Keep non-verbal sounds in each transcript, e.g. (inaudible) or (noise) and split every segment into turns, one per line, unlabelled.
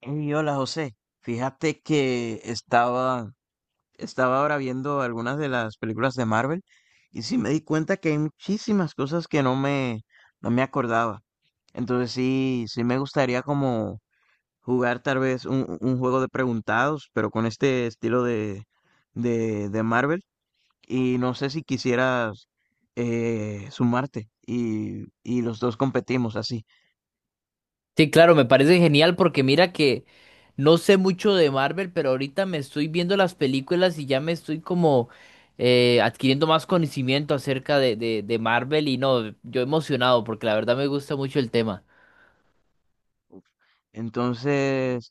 Hey, hola José, fíjate que estaba ahora viendo algunas de las películas de Marvel y sí me di cuenta que hay muchísimas cosas que no me acordaba. Entonces sí me gustaría como jugar tal vez un juego de preguntados, pero con este estilo de Marvel. Y no sé si quisieras sumarte y los dos competimos así.
Sí, claro, me parece genial porque mira que no sé mucho de Marvel, pero ahorita me estoy viendo las películas y ya me estoy como adquiriendo más conocimiento acerca de Marvel y no, yo emocionado porque la verdad me gusta mucho el tema.
Entonces,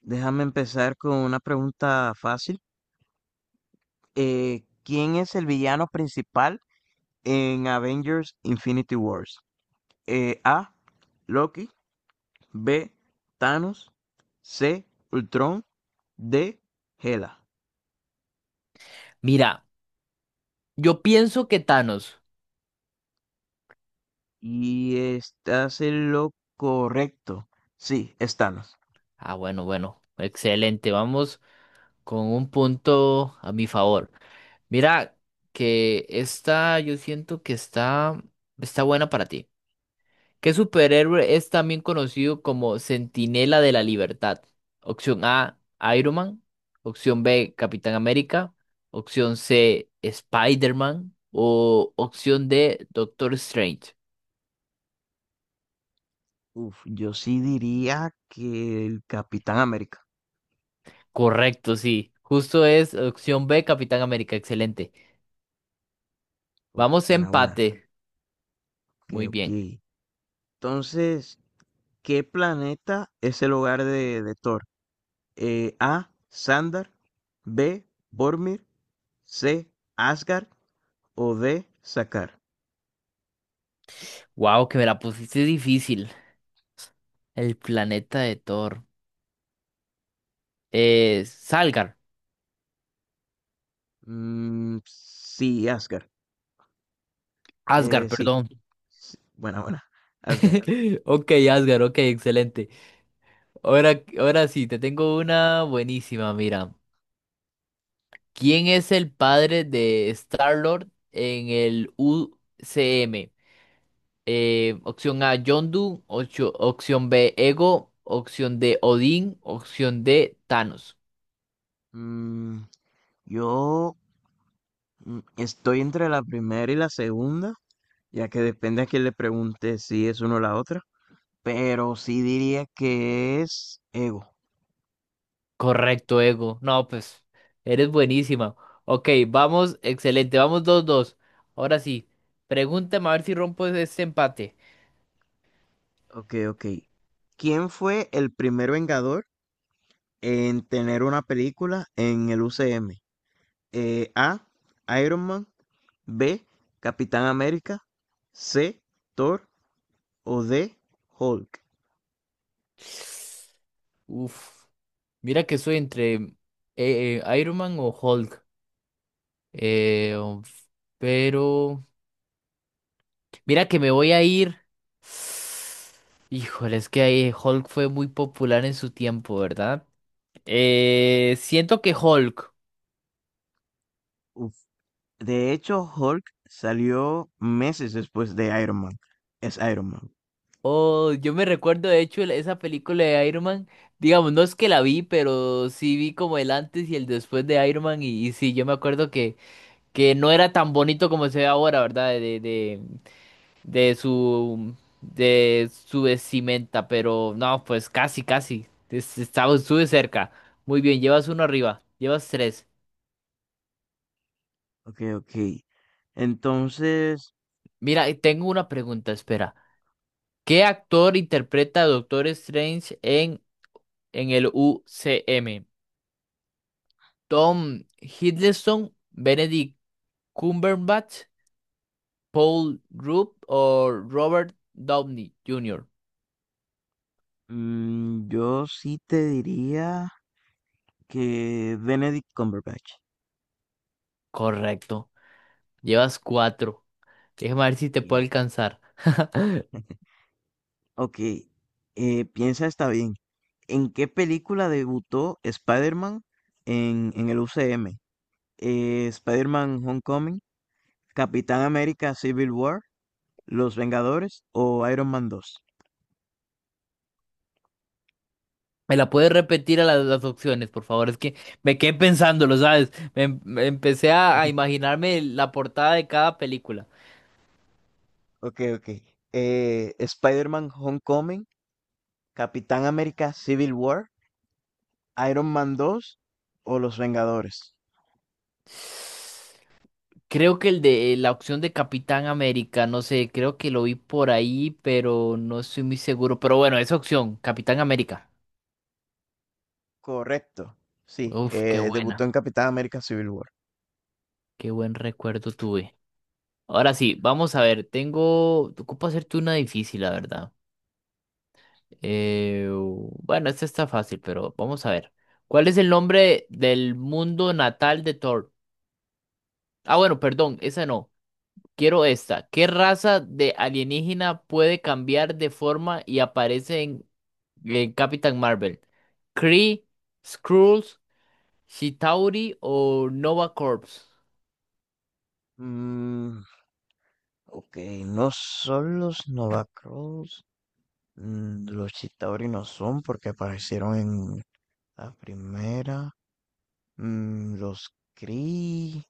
déjame empezar con una pregunta fácil. ¿Quién es el villano principal en Avengers Infinity Wars? A. Loki. B. Thanos. C. Ultron. D. Hela.
Mira, yo pienso que Thanos.
Y estás en lo correcto. Sí, es Thanos.
Ah, bueno, bueno, excelente, vamos con un punto a mi favor. Mira que esta, yo siento que está buena para ti. ¿Qué superhéroe es también conocido como Centinela de la Libertad? Opción A, Iron Man. Opción B, Capitán América. Opción C, Spider-Man. O opción D, Doctor Strange.
Uf, yo sí diría que el Capitán América.
Correcto, sí. Justo es opción B, Capitán América. Excelente.
Uf,
Vamos a
buena, buena.
empate.
Ok,
Muy
ok.
bien.
Entonces, ¿qué planeta es el hogar de Thor? Eh, A. Sandar, B. Bormir, C. Asgard o D. Sakar.
Wow, que me la pusiste difícil. El planeta de Thor. Salgar.
Mm, sí, Asgard.
Asgard,
Sí.
perdón.
Sí. Buena, buena. Asgard.
(laughs) Ok, Asgard, ok, excelente. Ahora sí, te tengo una buenísima, mira. ¿Quién es el padre de Star-Lord en el UCM? Opción A, Yondu, opción B, Ego, opción D, Odín, opción D, Thanos.
Mm, yo mm, estoy entre la primera y la segunda, ya que depende a quién le pregunte si es una o la otra, pero sí diría que es Ego.
Correcto, Ego. No, pues, eres buenísima. Ok, vamos, excelente, vamos dos dos. Ahora sí, pregúntame a ver si rompo ese empate.
Ok, ok. ¿Quién fue el primer Vengador en tener una película en el UCM? Eh, A, Iron Man, B, Capitán América, C, Thor o D, Hulk.
Uf. Mira que soy entre Iron Man o Hulk. Eh, um, pero mira que me voy a ir. Híjole, es que ahí Hulk fue muy popular en su tiempo, ¿verdad? Siento que Hulk.
Uf, de hecho, Hulk salió meses después de Iron Man. Es Iron Man.
Oh, yo me recuerdo de hecho esa película de Iron Man. Digamos, no es que la vi, pero sí vi como el antes y el después de Iron Man. Y sí, yo me acuerdo que no era tan bonito como se ve ahora, ¿verdad? De su de su vestimenta, pero no, pues casi, casi. Estaba, estuve cerca. Muy bien, llevas uno arriba, llevas tres.
Ok, ok. Entonces,
Mira, y tengo una pregunta, espera. ¿Qué actor interpreta a Doctor Strange en el UCM? ¿Tom Hiddleston, Benedict Cumberbatch, Paul Rudd o Robert Downey Jr.?
mm, yo sí te diría que Benedict Cumberbatch.
Correcto, llevas cuatro. Déjame ver si te puedo
Bien.
alcanzar. (laughs)
(laughs) Ok, piensa está bien. ¿En qué película debutó Spider-Man en el UCM? Eh, Spider-Man Homecoming, Capitán América Civil War, Los Vengadores o Iron Man 2.
¿Me la puedes repetir a las opciones, por favor? Es que me quedé pensándolo, ¿sabes? Me empecé a
(laughs)
imaginarme la portada de cada película.
Ok, ok. Spider-Man Homecoming, Capitán América Civil War, Iron Man 2 o Los Vengadores.
Creo que el de la opción de Capitán América, no sé, creo que lo vi por ahí, pero no estoy muy seguro. Pero bueno, esa opción, Capitán América.
Correcto. Sí,
Uf, qué
debutó
buena,
en Capitán América Civil War.
qué buen recuerdo tuve. Ahora sí, vamos a ver, tengo, te ocupo hacerte una difícil, la verdad. Bueno, este está fácil, pero vamos a ver. ¿Cuál es el nombre del mundo natal de Thor? Ah, bueno, perdón, esa no. Quiero esta. ¿Qué raza de alienígena puede cambiar de forma y aparece en Capitán Marvel? ¿Kree, Skrulls, Chitauri o Nova Corps?
Mm, ok, no son los Nova Cross. Mm, los Chitauri no son porque aparecieron en la primera. Mm, los Kree,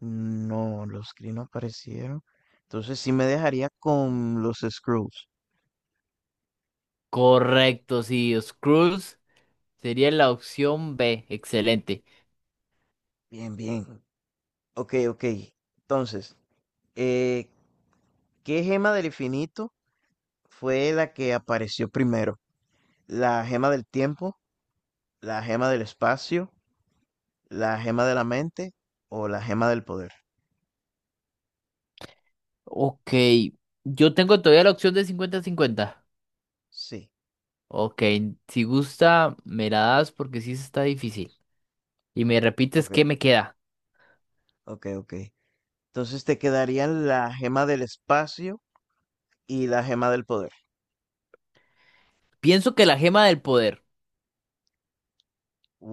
no, los Kree no aparecieron. Entonces sí me dejaría con los Skrulls.
Correcto, sí, Skrulls sería la opción B. Excelente.
Bien, bien. Ok, ok. Entonces, eh, ¿qué gema del infinito fue la que apareció primero? ¿La gema del tiempo, la gema del espacio, la gema de la mente o la gema del poder?
Ok, yo tengo todavía la opción de cincuenta-cincuenta.
Sí,
Ok, si gusta, me la das porque sí está difícil. Y me repites
ok,
qué me queda.
ok, ok. Entonces te quedarían la gema del espacio y la gema del poder.
Pienso que la gema del poder.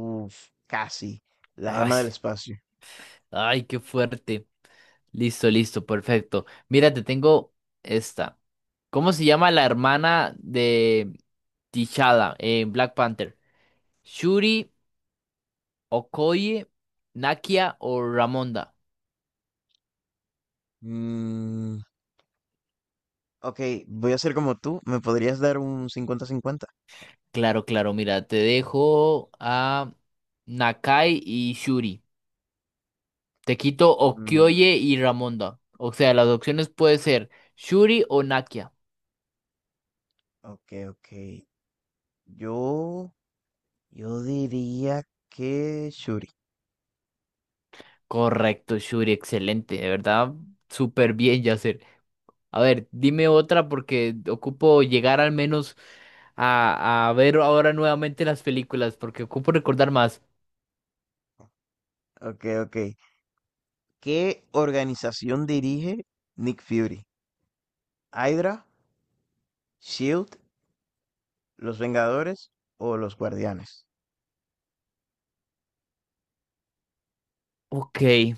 Uf, casi. La
Ay,
gema del espacio.
ay, qué fuerte. Listo, listo, perfecto. Mira, te tengo esta. ¿Cómo se llama la hermana de T'Challa en Black Panther? ¿Shuri, Okoye, Nakia o Ramonda?
Mm, ok, voy a ser como tú. ¿Me podrías dar un cincuenta-cincuenta?
Claro, claro, mira, te dejo a Nakai y Shuri. Te quito
Mm,
Okioye y Ramonda. O sea, las opciones puede ser Shuri o Nakia.
ok, ok. Yo, yo diría que Shuri.
Correcto, Shuri, excelente. De verdad, súper bien, Yacer. A ver, dime otra porque ocupo llegar al menos a ver ahora nuevamente las películas porque ocupo recordar más.
Ok, ok. ¿Qué organización dirige Nick Fury? ¿Hydra, Shield, los Vengadores o los Guardianes?
Ok,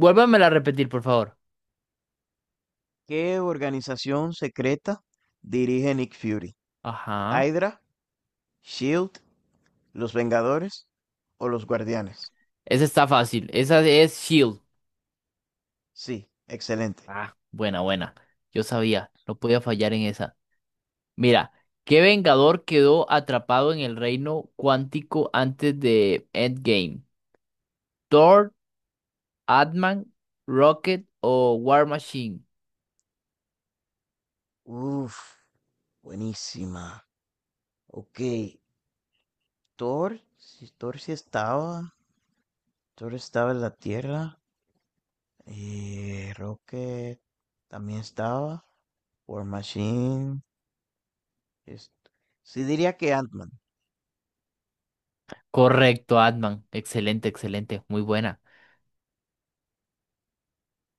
vuélvamela a repetir, por favor.
¿Qué organización secreta dirige Nick Fury?
Ajá.
¿Hydra, Shield, los Vengadores o los Guardianes?
Esa está fácil. Esa es Shield.
Sí, excelente.
Ah, buena, buena. Yo sabía, no podía fallar en esa. Mira, ¿qué Vengador quedó atrapado en el reino cuántico antes de Endgame? ¿Thor, Ant-Man, Rocket o War Machine?
Uf, buenísima. Ok, Thor, si Thor sí estaba, Thor estaba en la Tierra, y Rocket también estaba, War Machine, es- sí diría que Ant-Man.
Correcto, Ant-Man. Excelente, excelente. Muy buena.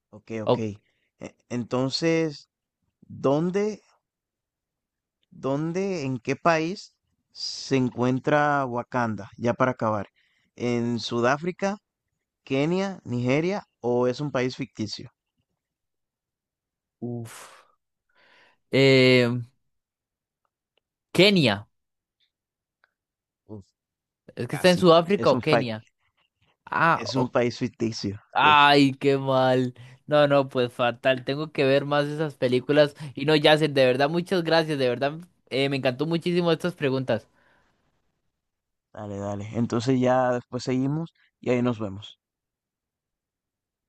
Ok, ok.
Oh,
E- Entonces, ¿dónde, dónde, en qué país se encuentra Wakanda? Ya para acabar. ¿En Sudáfrica, Kenia, Nigeria o es un país ficticio?
uf. Eh, Kenia.
Uf,
¿Es que está en
casi.
Sudáfrica
Es un
o
fa-
Kenia? Ah,
es un
o-
país ficticio, de hecho.
ay, qué mal. No, no, pues fatal. Tengo que ver más esas películas. Y no, Yacen, de verdad, muchas gracias. De verdad, me encantó muchísimo estas preguntas.
Dale, dale. Entonces ya después seguimos y ahí nos vemos.